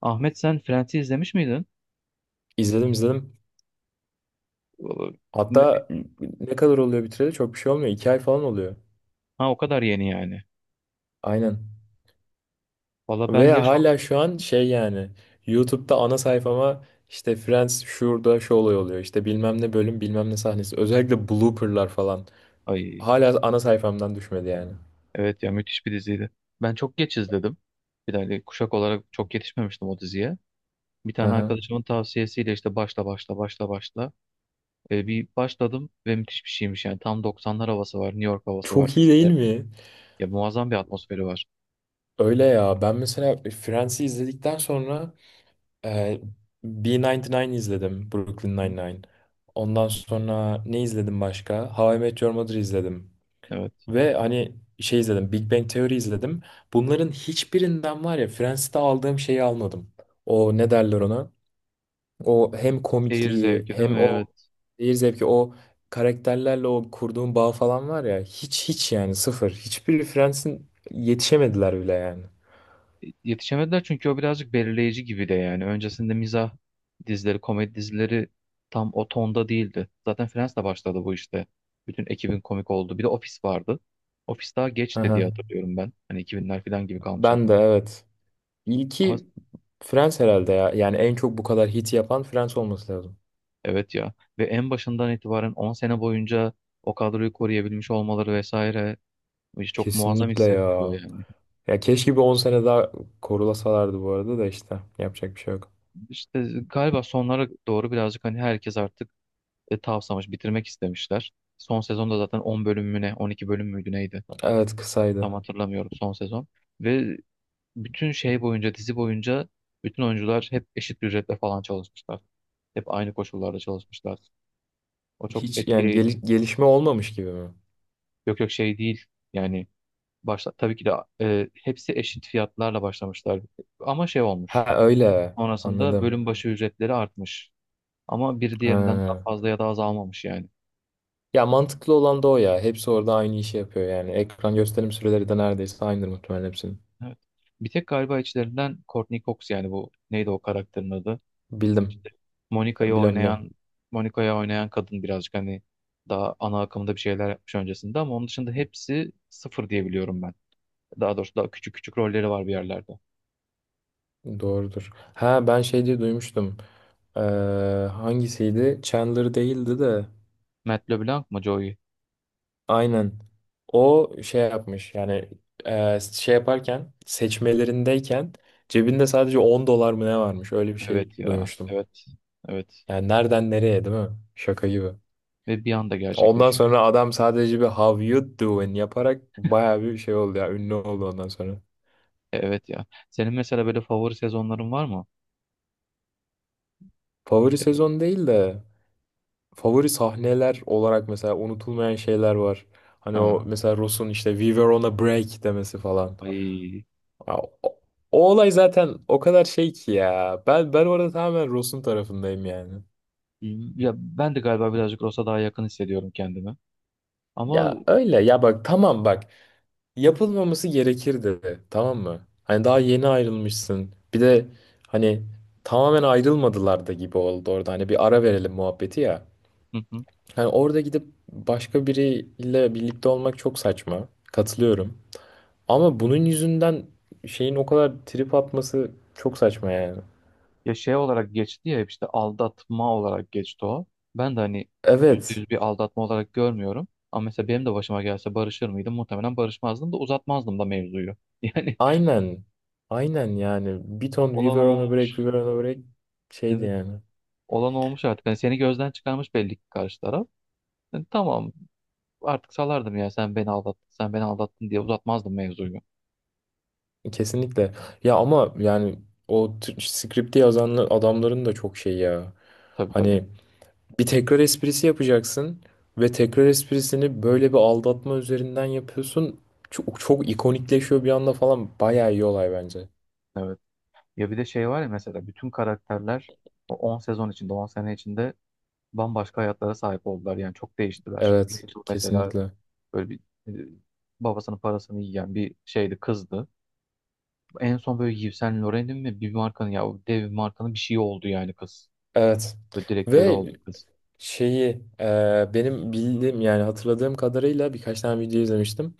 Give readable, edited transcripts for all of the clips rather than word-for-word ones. Ahmet sen Friends'i izlemiş miydin? İzledim izledim. Valla ne- Hatta ne kadar oluyor bitireli çok bir şey olmuyor. 2 ay falan oluyor. Ha, o kadar yeni yani. Aynen. Valla ben Ve yaş hala olarak... şu an şey yani YouTube'da ana sayfama işte Friends şurada şu olay oluyor. İşte bilmem ne bölüm bilmem ne sahnesi. Özellikle blooperlar falan. Ay, Hala ana sayfamdan düşmedi yani. evet ya, müthiş bir diziydi. Ben çok geç izledim. Bir tane kuşak olarak çok yetişmemiştim o diziye. Bir Hı tane hı. arkadaşımın tavsiyesiyle işte başla başla başla başla. Bir başladım ve müthiş bir şeymiş yani. Tam 90'lar havası var, New York havası var Çok iyi değil dizide. mi? Ya, muazzam bir atmosferi var. Öyle ya. Ben mesela Friends'i izledikten sonra e, B99 izledim. Brooklyn Hı. Nine-Nine. Ondan sonra ne izledim başka? How I Met Your Mother izledim. Evet. Ve hani şey izledim, Big Bang Theory izledim. Bunların hiçbirinden var ya Friends'te aldığım şeyi almadım. O ne derler ona? O hem Seyir komikliği zevki değil mi? hem o Evet. seyir zevki o karakterlerle o kurduğum bağ falan var ya hiç hiç yani sıfır. Hiçbir Friends'in yetişemediler bile yani. Yetişemediler, çünkü o birazcık belirleyici gibi de yani. Öncesinde mizah dizileri, komedi dizileri tam o tonda değildi. Zaten Friends'le başladı bu işte. Bütün ekibin komik oldu. Bir de Office vardı. Office daha geçti diye Aha. hatırlıyorum ben. Hani 2000'ler falan gibi kalmış Ben de aklım. evet. Ama İlki Friends herhalde ya. Yani en çok bu kadar hit yapan Friends olması lazım. evet ya. Ve en başından itibaren 10 sene boyunca o kadroyu koruyabilmiş olmaları vesaire işte çok muazzam Kesinlikle hissettiriyor ya. yani. Ya keşke bir 10 sene daha korulasalardı bu arada da işte yapacak bir şey yok. İşte galiba sonlara doğru birazcık hani herkes artık tavsamış, bitirmek istemişler. Son sezonda zaten 10 bölüm mü ne, 12 bölüm müydü neydi? Evet kısaydı. Tam hatırlamıyorum son sezon. Ve bütün şey boyunca, dizi boyunca bütün oyuncular hep eşit bir ücretle falan çalışmışlar. Hep aynı koşullarda çalışmışlar. O çok Hiç yani etkileyici. Gelişme olmamış gibi mi? Yok yok, şey değil. Yani başta tabii ki de hepsi eşit fiyatlarla başlamışlar. Ama şey olmuş. Ha öyle Sonrasında anladım. bölüm başı ücretleri artmış. Ama bir diğerinden daha Ha. fazla ya da azalmamış yani. Ya mantıklı olan da o ya. Hepsi orada aynı işi yapıyor yani. Ekran gösterim süreleri de neredeyse aynıdır muhtemelen hepsinin. Evet. Bir tek galiba içlerinden Courtney Cox yani bu neydi o karakterin adı? Bildim. İşte Monica'yı Bilem bilem. oynayan Monica'yı oynayan kadın birazcık hani daha ana akımda bir şeyler yapmış öncesinde, ama onun dışında hepsi sıfır diye biliyorum ben. Daha doğrusu daha küçük küçük rolleri var bir yerlerde. Doğrudur. Ha ben şey diye duymuştum. Ee, Hangisiydi? Chandler değildi de. Matt LeBlanc mı Joey? Aynen. O şey yapmış yani şey yaparken seçmelerindeyken cebinde sadece 10 dolar mı ne varmış öyle bir şey Evet ya. duymuştum. Evet. Evet. Yani nereden nereye değil mi? Şaka gibi. Ve bir anda Ondan gerçekleşiyor. sonra adam sadece bir how you doing yaparak baya bir şey oldu ya ünlü oldu ondan sonra. Evet ya. Senin mesela böyle favori sezonların var mı? Favori Ya- sezon değil de favori sahneler olarak mesela unutulmayan şeyler var. Hani o Ha. mesela Ross'un işte We were on a break demesi falan. Ay. Ya, o olay zaten o kadar şey ki ya. Ben orada tamamen Ross'un tarafındayım yani. Ya ben de galiba birazcık Ross'a daha yakın hissediyorum kendimi. Ama Ya öyle ya bak tamam bak yapılmaması gerekirdi tamam mı? Hani daha yeni ayrılmışsın. Bir de hani tamamen ayrılmadılar da gibi oldu orada. Hani bir ara verelim muhabbeti ya. Hı hı. Hani orada gidip başka biriyle birlikte olmak çok saçma. Katılıyorum. Ama bunun yüzünden şeyin o kadar trip atması çok saçma yani. Ya, şey olarak geçti ya, işte aldatma olarak geçti o. Ben de hani yüzde Evet. yüz bir aldatma olarak görmüyorum. Ama mesela benim de başıma gelse barışır mıydım? Muhtemelen barışmazdım da uzatmazdım da mevzuyu. Yani Aynen. Aynen yani. Bir ton We olan Were on a Break, We olmuş. Were on a Break şeydi Evet. yani. Olan olmuş artık. Hani seni gözden çıkarmış belli ki karşı taraf. Yani tamam, artık salardım ya, sen beni aldattın, sen beni aldattın diye uzatmazdım mevzuyu. Kesinlikle. Ya ama yani o skripti yazan adamların da çok şey ya. Tabii tabii. Hani bir tekrar esprisi yapacaksın ve tekrar esprisini böyle bir aldatma üzerinden yapıyorsun. Çok, çok ikonikleşiyor bir anda falan. Bayağı iyi olay bence. Evet. Ya bir de şey var ya, mesela bütün karakterler o 10 sezon içinde, 10 sene içinde bambaşka hayatlara sahip oldular. Yani çok değiştiler. Evet, Rachel mesela kesinlikle. böyle bir e, babasının parasını yiyen bir şeydi, kızdı. En son böyle Yves Saint Laurent'in mi, bir markanın, ya o dev bir markanın bir şeyi oldu yani kız. Evet. Böyle direktörü Ve oldu kız. şeyi benim bildiğim yani hatırladığım kadarıyla birkaç tane video izlemiştim.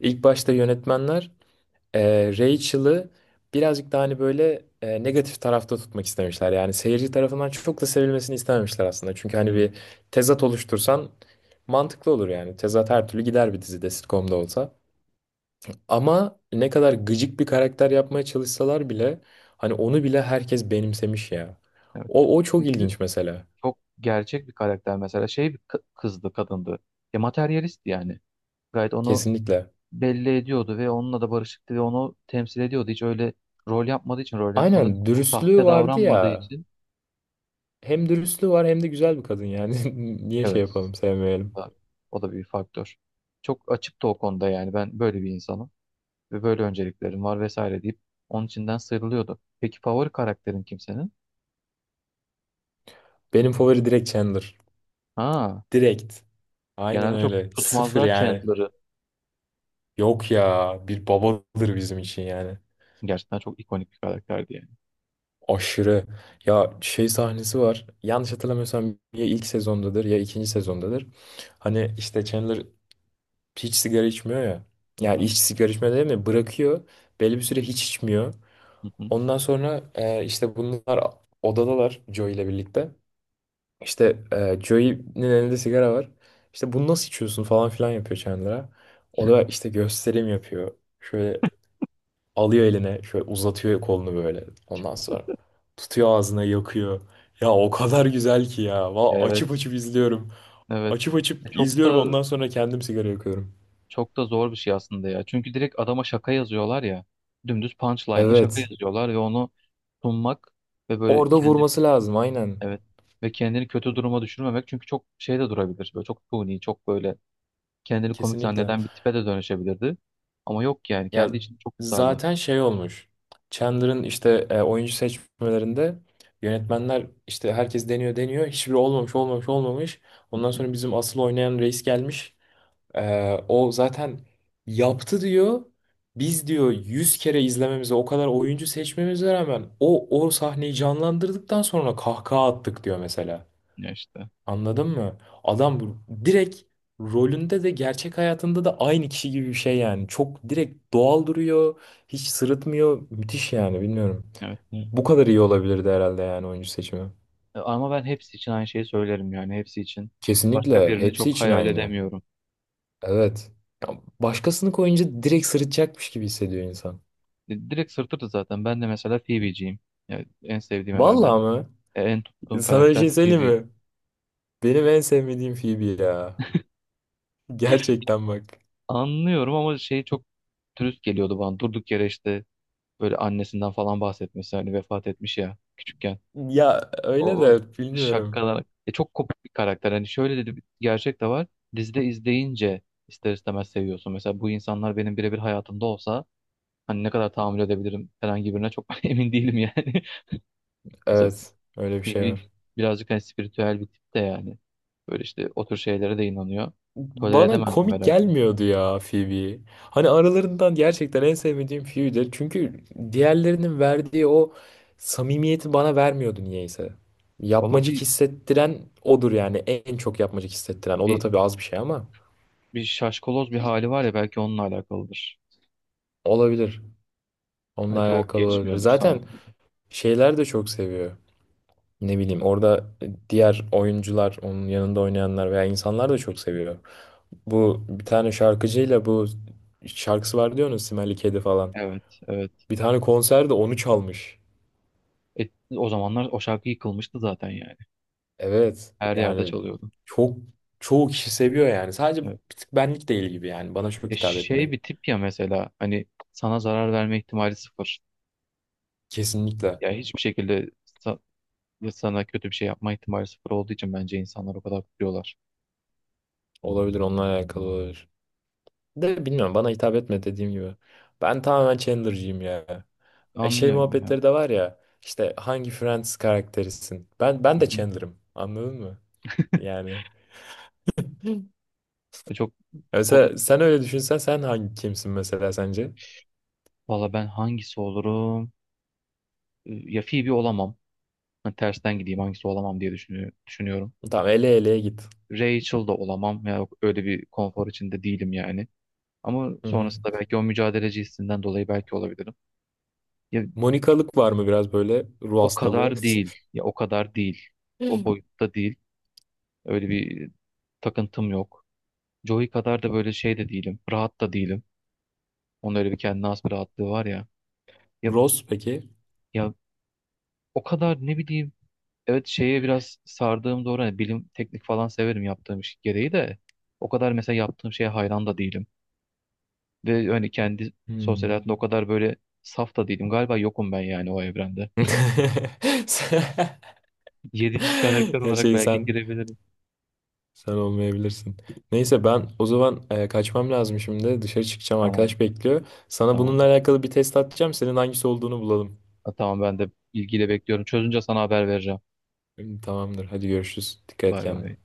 İlk başta yönetmenler Rachel'ı birazcık daha hani böyle negatif tarafta tutmak istemişler. Yani seyirci tarafından çok da sevilmesini istememişler aslında. Çünkü hani Hmm. bir tezat oluştursan mantıklı olur yani. Tezat her türlü gider bir dizide sitcom'da olsa. Ama ne kadar gıcık bir karakter yapmaya çalışsalar bile hani onu bile herkes benimsemiş ya. Evet. O çok Çünkü ilginç mesela. çok gerçek bir karakter mesela, şey bir kı- kızdı, kadındı. Ya materyalist yani. Gayet onu Kesinlikle. belli ediyordu ve onunla da barışıktı ve onu temsil ediyordu. Hiç öyle rol yapmadığı için, rol yapmadığı Aynen derken dürüstlüğü sahte vardı davranmadığı ya. için. Hem dürüstlüğü var hem de güzel bir kadın yani. Niye şey Evet, yapalım sevmeyelim. o da o da bir faktör. Çok açıktı o konuda yani, ben böyle bir insanım ve böyle önceliklerim var vesaire deyip onun içinden sıyrılıyordu. Peki favori karakterin kimsenin? Benim favori direkt Chandler. Ha, Direkt. Aynen genelde çok öyle. Sıfır tutmazlar yani. Chandler'ı. Yok ya bir babadır bizim için yani. Gerçekten çok ikonik bir karakterdi yani. Aşırı. Ya şey sahnesi var. Yanlış hatırlamıyorsam ya ilk sezondadır ya ikinci sezondadır. Hani işte Chandler hiç sigara içmiyor ya. Hı Yani hı. hiç sigara içmiyor değil mi? Bırakıyor. Belli bir süre hiç içmiyor. Hı hı. Ondan sonra işte bunlar odadalar Joey ile birlikte. İşte Joey'nin elinde sigara var. İşte bunu nasıl içiyorsun falan filan yapıyor Chandler'a. O da işte gösterim yapıyor. Şöyle alıyor eline, şöyle uzatıyor kolunu böyle. Ondan sonra tutuyor ağzına yakıyor. Ya o kadar güzel ki ya. Va açıp Evet, açıp izliyorum. evet. Açıp açıp Çok izliyorum da ondan sonra kendim sigara yakıyorum. çok da zor bir şey aslında ya. Çünkü direkt adama şaka yazıyorlar ya. Dümdüz punchline'la şaka Evet. yazıyorlar ve onu sunmak ve böyle Orada kendi. vurması lazım aynen. Evet, ve kendini kötü duruma düşürmemek, çünkü çok şey de durabilir. Böyle çok suni, çok böyle kendini komik Kesinlikle. zanneden bir tipe de dönüşebilirdi. Ama yok yani, Ya kendi için çok tutarlı. zaten şey olmuş. Chandler'ın işte oyuncu seçmelerinde yönetmenler işte herkes deniyor deniyor. Hiçbiri olmamış olmamış olmamış. Hı Ondan hı. sonra bizim asıl oynayan reis gelmiş. O zaten yaptı diyor. Biz diyor 100 kere izlememize o kadar oyuncu seçmemize rağmen o sahneyi canlandırdıktan sonra kahkaha attık diyor mesela. Ya işte. Anladın mı? Adam direkt rolünde de gerçek hayatında da aynı kişi gibi bir şey yani. Çok direkt doğal duruyor. Hiç sırıtmıyor. Müthiş yani bilmiyorum. Evet. Bu kadar iyi olabilirdi herhalde yani oyuncu seçimi. Ama ben hepsi için aynı şeyi söylerim yani, hepsi için. Başka Kesinlikle. birini Hepsi çok için hayal aynı. edemiyorum. Evet. Ya başkasını koyunca direkt sırıtacakmış gibi hissediyor insan. Direkt sırtırdı zaten. Ben de mesela Phoebe'ciyim. Yani en sevdiğim herhalde. Vallahi mı? En tuttuğum Sana bir karakter şey söyleyeyim Phoebe. mi? Benim en sevmediğim Phoebe ya. Gerçekten bak. Anlıyorum ama şey, çok dürüst geliyordu bana. Durduk yere işte böyle annesinden falan bahsetmesi, hani vefat etmiş ya küçükken. Ya öyle O de bilmiyorum. şakalar. Çok kopuk bir karakter. Hani şöyle de bir gerçek de var. Dizide izleyince ister istemez seviyorsun. Mesela bu insanlar benim birebir hayatımda olsa hani ne kadar tahammül edebilirim herhangi birine çok emin değilim yani. Mesela Evet. Öyle bir bir, şey bir- var. birazcık hani spiritüel bir tip de yani. Böyle işte o tür şeylere de inanıyor. Tolere Bana edemezdim komik herhalde. gelmiyordu ya Phoebe. Hani aralarından gerçekten en sevmediğim Phoebe'dir. Çünkü diğerlerinin verdiği o samimiyeti bana vermiyordu niyeyse. Valla Yapmacık hissettiren odur yani. En çok yapmacık hissettiren. O da bir, tabii az bir şey ama bir şaşkaloz bir hali var ya, belki onunla alakalıdır. olabilir. Onunla Belki o alakalı olabilir. geçmiyordur sana. Zaten şeyler de çok seviyor. Ne bileyim orada diğer oyuncular, onun yanında oynayanlar veya insanlar da çok seviyor. Bu bir tane şarkıcıyla bu şarkısı var diyorsunuz Smelly Kedi falan. Evet, evet. Bir tane konserde onu çalmış. E, O zamanlar o şarkı yıkılmıştı zaten yani. Evet. Her yerde Yani çalıyordu. çok çoğu kişi seviyor yani. Sadece bir Evet. tık benlik değil gibi yani. Bana çok Ya, hitap şey etmiyor. bir tip ya, mesela hani sana zarar verme ihtimali sıfır. Kesinlikle. Ya hiçbir şekilde sa- ya sana kötü bir şey yapma ihtimali sıfır olduğu için bence insanlar o kadar kutluyorlar. Olabilir onunla alakalı olabilir. De bilmiyorum bana hitap etme dediğim gibi. Ben tamamen Chandler'cıyım ya. E şey Anlıyorum yani. muhabbetleri de var ya. İşte hangi Friends karakterisin? Ben Hı ben de hı. Chandler'ım. Anladın mı? Yani. Hı. Ya çok o da, Mesela sen öyle düşünsen sen hangi kimsin mesela sence? valla ben hangisi olurum? Ya Phoebe olamam. Ha, tersten gideyim, hangisi olamam diye düşünüyorum. Tamam ele eleye git. Rachel da olamam. Ya öyle bir konfor içinde değilim yani. Ama Hı hı. sonrasında belki o mücadeleci hissinden dolayı belki olabilirim. Ya, Monikalık var mı biraz böyle ruh o kadar hastalığı? Anladım değil. Ya o kadar değil. O boyutta değil. Öyle bir takıntım yok. Joey kadar da böyle şey de değilim. Rahat da değilim. Onun öyle bir kendine has bir rahatlığı var ya. Ya, Ross peki? ya o kadar ne bileyim. Evet, şeye biraz sardığım doğru. Hani bilim, teknik falan severim, yaptığım iş gereği de. O kadar mesela yaptığım şeye hayran da değilim. Ve hani kendi sosyal Hmm. hayatımda o kadar böyle saf da değilim. Galiba yokum ben yani o evrende. Yedinci karakter olarak Gerçekten belki sen girebilirim. sen olmayabilirsin. Neyse ben o zaman kaçmam lazım şimdi. Dışarı çıkacağım Tamam. arkadaş bekliyor. Sana Tamam. bununla alakalı bir test atacağım. Senin hangisi olduğunu bulalım. Ha, tamam, ben de ilgiyle bekliyorum. Çözünce sana haber vereceğim. Tamamdır. Hadi görüşürüz. Dikkat et Bay kendine. bay.